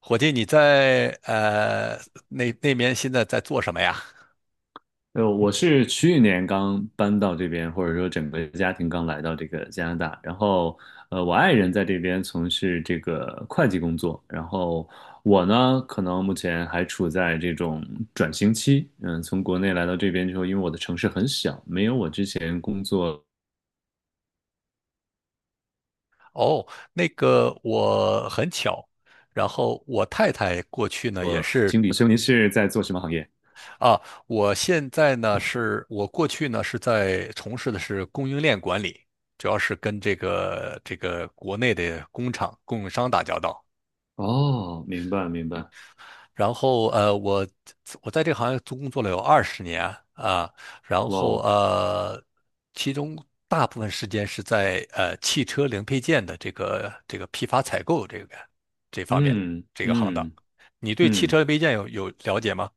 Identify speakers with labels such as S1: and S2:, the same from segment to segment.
S1: 伙计，你在那边现在在做什么呀？
S2: 我是去年刚搬到这边，或者说整个家庭刚来到这个加拿大。然后，我爱人在这边从事这个会计工作，然后我呢，可能目前还处在这种转型期。嗯，从国内来到这边之后，因为我的城市很小，没有我之前工作
S1: 哦，那个我很巧，然后我太太过去呢也是
S2: 经历。所以您是在做什么行业？
S1: 啊，我现在呢是我过去呢是在从事的是供应链管理，主要是跟这个国内的工厂供应商打交道。
S2: 哦，明白明白。
S1: 然后我在这个行业工作了有20年啊，然
S2: 哇
S1: 后
S2: 哦。
S1: 其中大部分时间是在汽车零配件的这个批发采购这个这方面
S2: 嗯
S1: 这个行当。
S2: 嗯
S1: 你对汽车
S2: 嗯。
S1: 零配件有了解吗？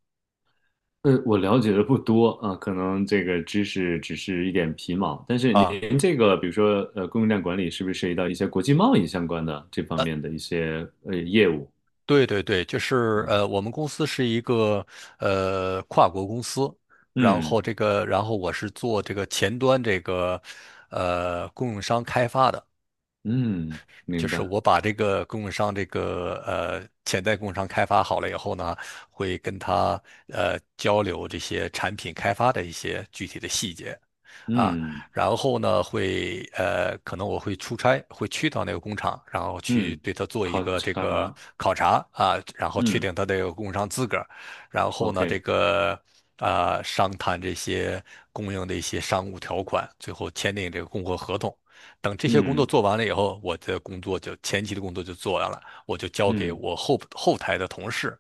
S2: 我了解的不多啊，可能这个知识只是一点皮毛。但是
S1: 啊？
S2: 您这个，比如说供应链管理是不是涉及到一些国际贸易相关的这方
S1: 呃，
S2: 面的一些业务？
S1: 对，就是
S2: 啊？
S1: 我们公司是一个跨国公司，然
S2: 嗯
S1: 后这个，然后我是做这个前端这个供应商开发的。
S2: 嗯，
S1: 就
S2: 明
S1: 是
S2: 白。
S1: 我把这个供应商这个潜在供应商开发好了以后呢，会跟他交流这些产品开发的一些具体的细节啊，
S2: 嗯
S1: 然后呢会可能我会出差，会去到那个工厂，然后去
S2: 嗯，
S1: 对他做一
S2: 考
S1: 个这个
S2: 察。
S1: 考察啊，然后确
S2: 嗯
S1: 定他的供应商资格，然后呢这
S2: ，OK。
S1: 个。啊、商谈这些供应的一些商务条款，最后签订这个供货合同。等这些工作
S2: 嗯
S1: 做完了以后，我的工作就前期的工作就做完了，我就交给
S2: 嗯
S1: 我后台的同事，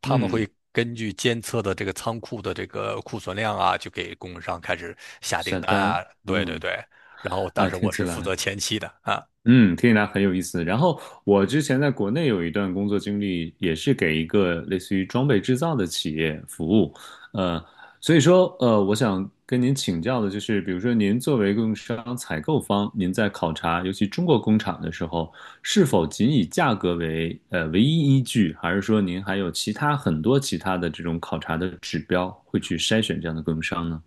S1: 他们会
S2: 嗯，
S1: 根据监测的这个仓库的这个库存量啊，就给供应商开始下订
S2: 下
S1: 单
S2: 单。
S1: 啊。对对
S2: 嗯
S1: 对，然后但
S2: 啊，
S1: 是
S2: 听
S1: 我
S2: 起
S1: 是负
S2: 来。
S1: 责前期的啊。
S2: 嗯，听起来很有意思。然后我之前在国内有一段工作经历，也是给一个类似于装备制造的企业服务。呃，所以说，我想跟您请教的就是，比如说您作为供应商采购方，您在考察尤其中国工厂的时候，是否仅以价格为唯一依据，还是说您还有其他很多其他的这种考察的指标会去筛选这样的供应商呢？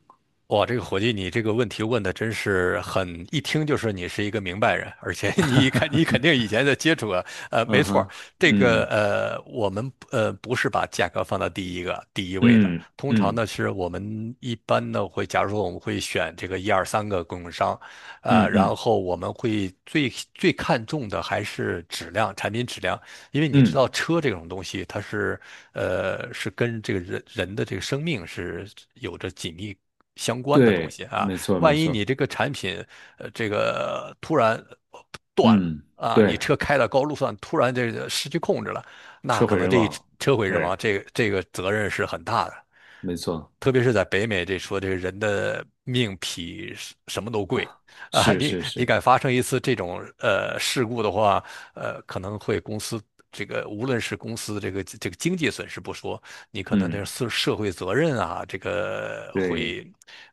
S1: 哇，这个伙计，你这个问题问的真是很，一听就是你是一个明白人，而且 你看，你肯 定以前在接触过。没
S2: 嗯
S1: 错儿。
S2: 哈。
S1: 这个
S2: 嗯
S1: 我们不是把价格放到第一个第一位的，
S2: 嗯
S1: 通常
S2: 嗯
S1: 呢是我们一般呢会，假如说我们会选这个1、2、3个供应商，
S2: 嗯嗯
S1: 然
S2: 嗯。
S1: 后我们会最看重的还是质量，产品质量，因为你知
S2: 嗯，
S1: 道车这种东西，它是是跟这个人人的这个生命是有着紧密相关的东
S2: 对，
S1: 西啊。
S2: 没错，没
S1: 万一你
S2: 错。
S1: 这个产品这个突然呃断了
S2: 嗯，
S1: 啊，你
S2: 对，
S1: 车开到高速上突然这个失去控制了，那
S2: 车
S1: 可
S2: 毁
S1: 能
S2: 人
S1: 这一
S2: 亡。
S1: 车毁人
S2: 对，
S1: 亡，这个这个责任是很大的。
S2: 没错。
S1: 特别是在北美，这说这个人的命比什么都贵啊，
S2: 是
S1: 你
S2: 是
S1: 你
S2: 是。
S1: 敢发生一次这种事故的话，可能会公司这个无论是公司这个这个经济损失不说，你可能这个
S2: 嗯，
S1: 社会责任啊，这个
S2: 对，
S1: 会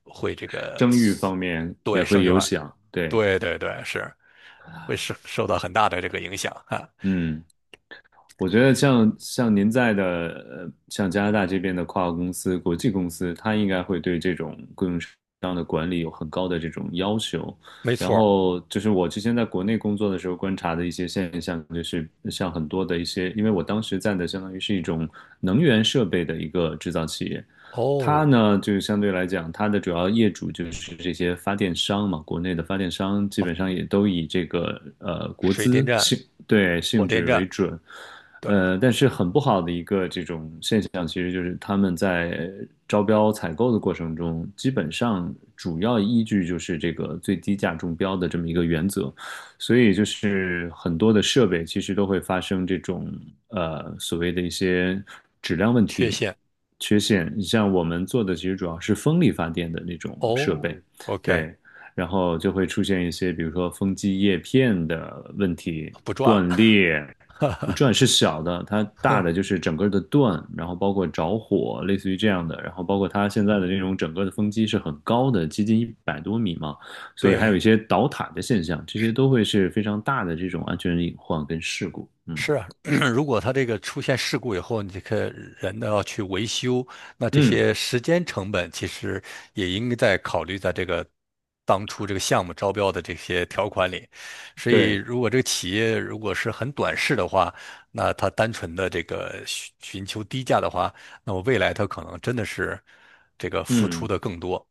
S1: 会这个
S2: 生育方面也
S1: 对
S2: 会
S1: 生意
S2: 有
S1: 化，
S2: 响。对，
S1: 对对对，是会受到很大的这个影响啊，
S2: 嗯。我觉得像您在的，像加拿大这边的跨国公司、国际公司，它应该会对这种供应商的管理有很高的这种要求。
S1: 没
S2: 然
S1: 错儿。
S2: 后就是我之前在国内工作的时候观察的一些现象，就是像很多的一些，因为我当时在的相当于是一种能源设备的一个制造企业，它
S1: 哦，
S2: 呢就是相对来讲，它的主要业主就是这些发电商嘛，国内的发电商基本上也都以这个国
S1: 水电
S2: 资
S1: 站、
S2: 性，对，
S1: 火
S2: 性
S1: 电
S2: 质
S1: 站，
S2: 为准。
S1: 对，
S2: 但是很不好的一个这种现象，其实就是他们在招标采购的过程中，基本上主要依据就是这个最低价中标的这么一个原则，所以就是很多的设备其实都会发生这种所谓的一些质量问
S1: 缺
S2: 题、
S1: 陷，
S2: 缺陷。你像我们做的其实主要是风力发电的那种设
S1: 哦
S2: 备。
S1: ，OK，
S2: 对，然后就会出现一些比如说风机叶片的问题
S1: 不赚
S2: 断裂。不
S1: 了，
S2: 转是小的，它大 的就是整个的断，然后包括着火，类似于这样的，然后包括它现在的这种整个的风机是很高的，接近100多米嘛，所以还有
S1: 对。
S2: 一些倒塌的现象，这些都会是非常大的这种安全隐患跟事故。嗯
S1: 是啊，如果他这个出现事故以后，你这个人呢要去维修，那这
S2: 嗯，
S1: 些时间成本其实也应该在考虑在这个当初这个项目招标的这些条款里。所以，
S2: 对，
S1: 如果这个企业如果是很短视的话，那他单纯的这个寻求低价的话，那么未来他可能真的是这个付出
S2: 嗯。
S1: 的更多。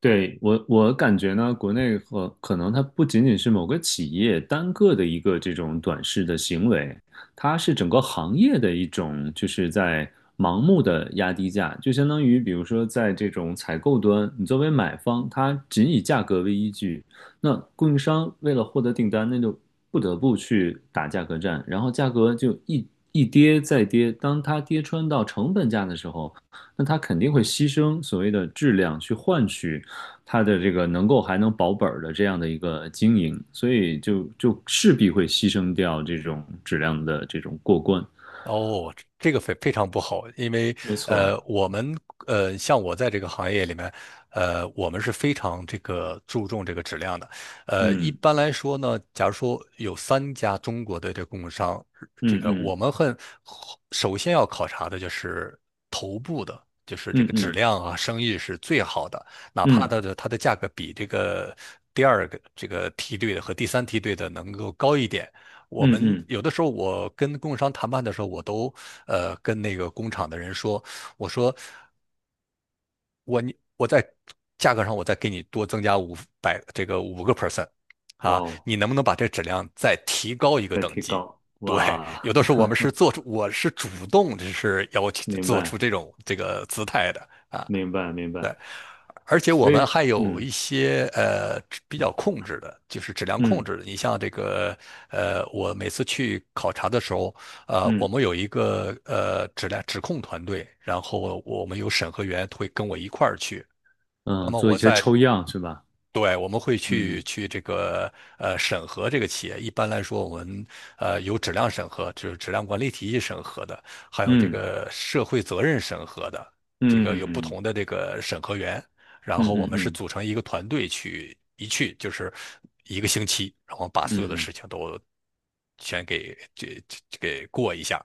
S2: 对，我感觉呢，国内和可能它不仅仅是某个企业单个的一个这种短视的行为，它是整个行业的一种，就是在盲目的压低价，就相当于比如说在这种采购端，你作为买方，它仅以价格为依据，那供应商为了获得订单，那就不得不去打价格战，然后价格就一跌再跌，当它跌穿到成本价的时候，那它肯定会牺牲所谓的质量去换取。它的这个能够还能保本的这样的一个经营，所以就势必会牺牲掉这种质量的这种过关。
S1: 哦，这这个非常不好，因为
S2: 没错。
S1: 我们像我在这个行业里面，我们是非常这个注重这个质量的。一
S2: 嗯
S1: 般来说呢，假如说有3家中国的这个供应商，这
S2: 嗯
S1: 个
S2: 嗯
S1: 我们很首先要考察的就是头部的，就是这
S2: 嗯
S1: 个质
S2: 嗯
S1: 量啊，生意是最好的，哪怕
S2: 嗯
S1: 它的价格比这个第2个这个梯队的和第3梯队的能够高一点。我
S2: 嗯
S1: 们
S2: 嗯。
S1: 有的时候，我跟供应商谈判的时候，我都跟那个工厂的人说，我说我你我在价格上我再给你多增加五百这个5%
S2: 哇
S1: 啊，
S2: 哦，
S1: 你能不能把这质量再提高一个
S2: 在
S1: 等
S2: 提
S1: 级？
S2: 高，
S1: 对，
S2: 哇。
S1: 有的时候我们是 做出我是主动就是要求
S2: 明
S1: 做出
S2: 白
S1: 这种这个姿态的啊。
S2: 明白明白。
S1: 而且我
S2: 所
S1: 们
S2: 以
S1: 还有
S2: 嗯
S1: 一些比较控制的，就是质量控
S2: 嗯
S1: 制的。你像这个我每次去考察的时候，我
S2: 嗯
S1: 们有一个质量质控团队，然后我们有审核员会跟我一块儿去。那
S2: 嗯，
S1: 么
S2: 做一
S1: 我
S2: 些
S1: 在
S2: 抽样是吧？
S1: 对，我们会去
S2: 嗯
S1: 去这个审核这个企业。一般来说，我们有质量审核，就是质量管理体系审核的，还有这
S2: 嗯
S1: 个社会责任审核的，这个
S2: 嗯
S1: 有不
S2: 嗯
S1: 同的这个审核员。然
S2: 嗯
S1: 后我
S2: 嗯
S1: 们是
S2: 嗯
S1: 组成一个团队去一去就是一个星期，然后把
S2: 嗯。
S1: 所有的事
S2: 嗯，
S1: 情都全给这给过一下，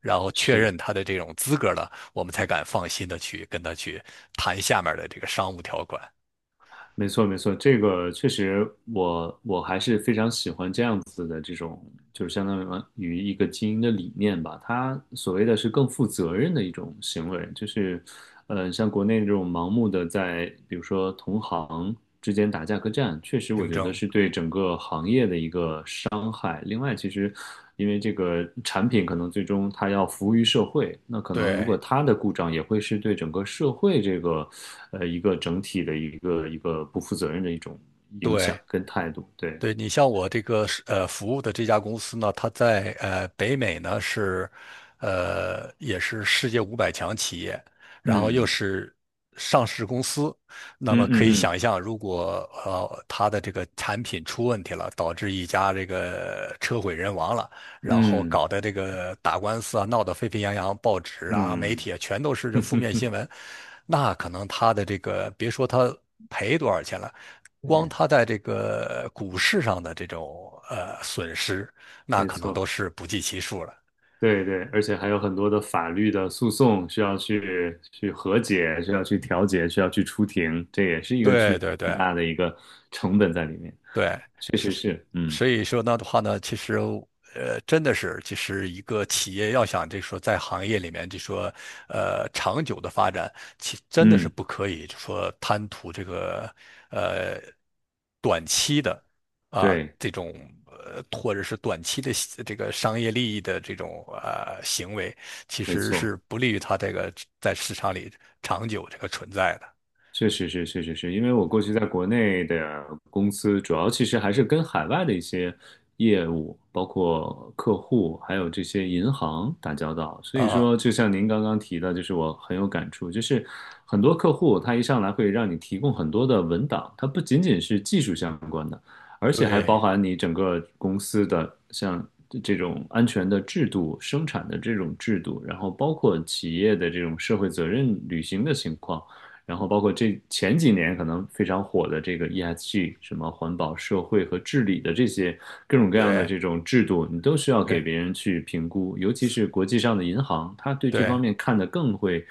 S1: 然后确认
S2: 是。
S1: 他的这种资格了，我们才敢放心的去跟他去谈下面的这个商务条款
S2: 没错，没错，这个确实我还是非常喜欢这样子的这种，就是相当于一个经营的理念吧。它所谓的是更负责任的一种行为，就是，像国内这种盲目的在，比如说同行之间打价格战，确实我
S1: 竞
S2: 觉得
S1: 争。
S2: 是对整个行业的一个伤害。另外，其实因为这个产品可能最终它要服务于社会，那可能如果
S1: 对
S2: 它的故障也会是对整个社会这个一个整体的一个一个不负责任的一种影响
S1: 对
S2: 跟态度。对。
S1: 对，你像我这个是服务的这家公司呢，它在北美呢是，也是世界500强企业，然后又
S2: 嗯
S1: 是上市公司，那
S2: 嗯
S1: 么可以
S2: 嗯
S1: 想象，如果它的这个产品出问题了，导致一家这个车毁人亡了，然后
S2: 嗯
S1: 搞得这个打官司啊，闹得沸沸扬扬，报纸啊、媒
S2: 嗯
S1: 体啊全都是
S2: 嗯。
S1: 这负面新 闻，那可能他的这个，别说他赔多少钱了，光
S2: 对，
S1: 他在这个股市上的这种损失，那
S2: 没
S1: 可能都
S2: 错。
S1: 是不计其数了。
S2: 对对，而且还有很多的法律的诉讼需要去和解，需要去调解，需要去出庭，这也是一个
S1: 对
S2: 巨
S1: 对对，
S2: 大的一个成本在里面。
S1: 对，
S2: 确
S1: 是，
S2: 实
S1: 是
S2: 是。嗯
S1: 所以说那的话呢，其实真的是，其实一个企业要想就说在行业里面就说长久的发展，其真的是
S2: 嗯，
S1: 不可以就说贪图这个呃短期的啊
S2: 对，
S1: 这种或者是短期的这个商业利益的这种行为，其
S2: 没
S1: 实是
S2: 错。
S1: 不利于它这个在市场里长久这个存在的
S2: 确实是，确实是，因为我过去在国内的公司，主要其实还是跟海外的一些业务，包括客户，还有这些银行打交道。所以
S1: 啊，
S2: 说，就像您刚刚提的，就是我很有感触，就是很多客户他一上来会让你提供很多的文档，它不仅仅是技术相关的，而且还包
S1: 对，
S2: 含你整个公司的像这种安全的制度、生产的这种制度，然后包括企业的这种社会责任履行的情况。然后包括这前几年可能非常火的这个 ESG,什么环保、社会和治理的这些各种各样的
S1: 对
S2: 这种制度，你都需要给别
S1: 对
S2: 人去评估，尤其是国际上的银行，它对这方
S1: 对
S2: 面看得更会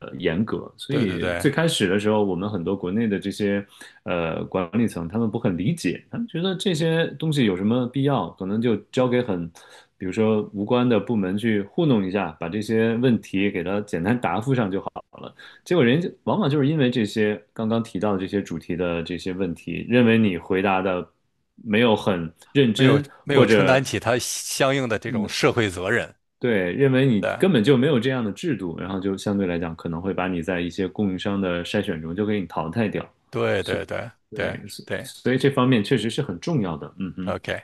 S2: 严格。所
S1: 对对
S2: 以
S1: 对。
S2: 最开始的时候，我们很多国内的这些管理层，他们不很理解，他们觉得这些东西有什么必要，可能就交给很。比如说无关的部门去糊弄一下，把这些问题给它简单答复上就好。结果人家往往就是因为这些刚刚提到的这些主题的这些问题，认为你回答的没有很认
S1: 没有
S2: 真，
S1: 没
S2: 或
S1: 有承担
S2: 者
S1: 起他相应的这种社会责任。
S2: 对，认为你
S1: 对
S2: 根本就没有这样的制度，然后就相对来讲可能会把你在一些供应商的筛选中就给你淘汰掉。
S1: 对
S2: 所以，
S1: 对对对
S2: 对，所
S1: 对
S2: 所以这方面确实是很重要的。嗯哼。
S1: ，OK，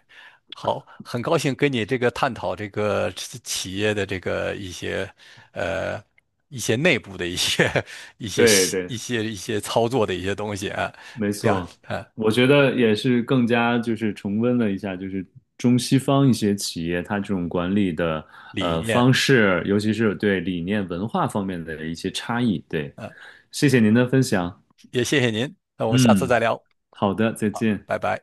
S1: 好，很高兴跟你这个探讨这个企业的这个一些呃一些内部的一些 一些
S2: 对对。
S1: 一些一些操作的一些东西啊，
S2: 没
S1: 两
S2: 错，
S1: 啊
S2: 我觉得也是更加就是重温了一下，就是中西方一些企业它这种管理的
S1: 理念
S2: 方式，尤其是对理念文化方面的一些差异。对，
S1: 啊，
S2: 谢谢您的分享。
S1: 也谢谢您，那我们下次再
S2: 嗯，
S1: 聊，
S2: 好的，再见。
S1: 拜拜。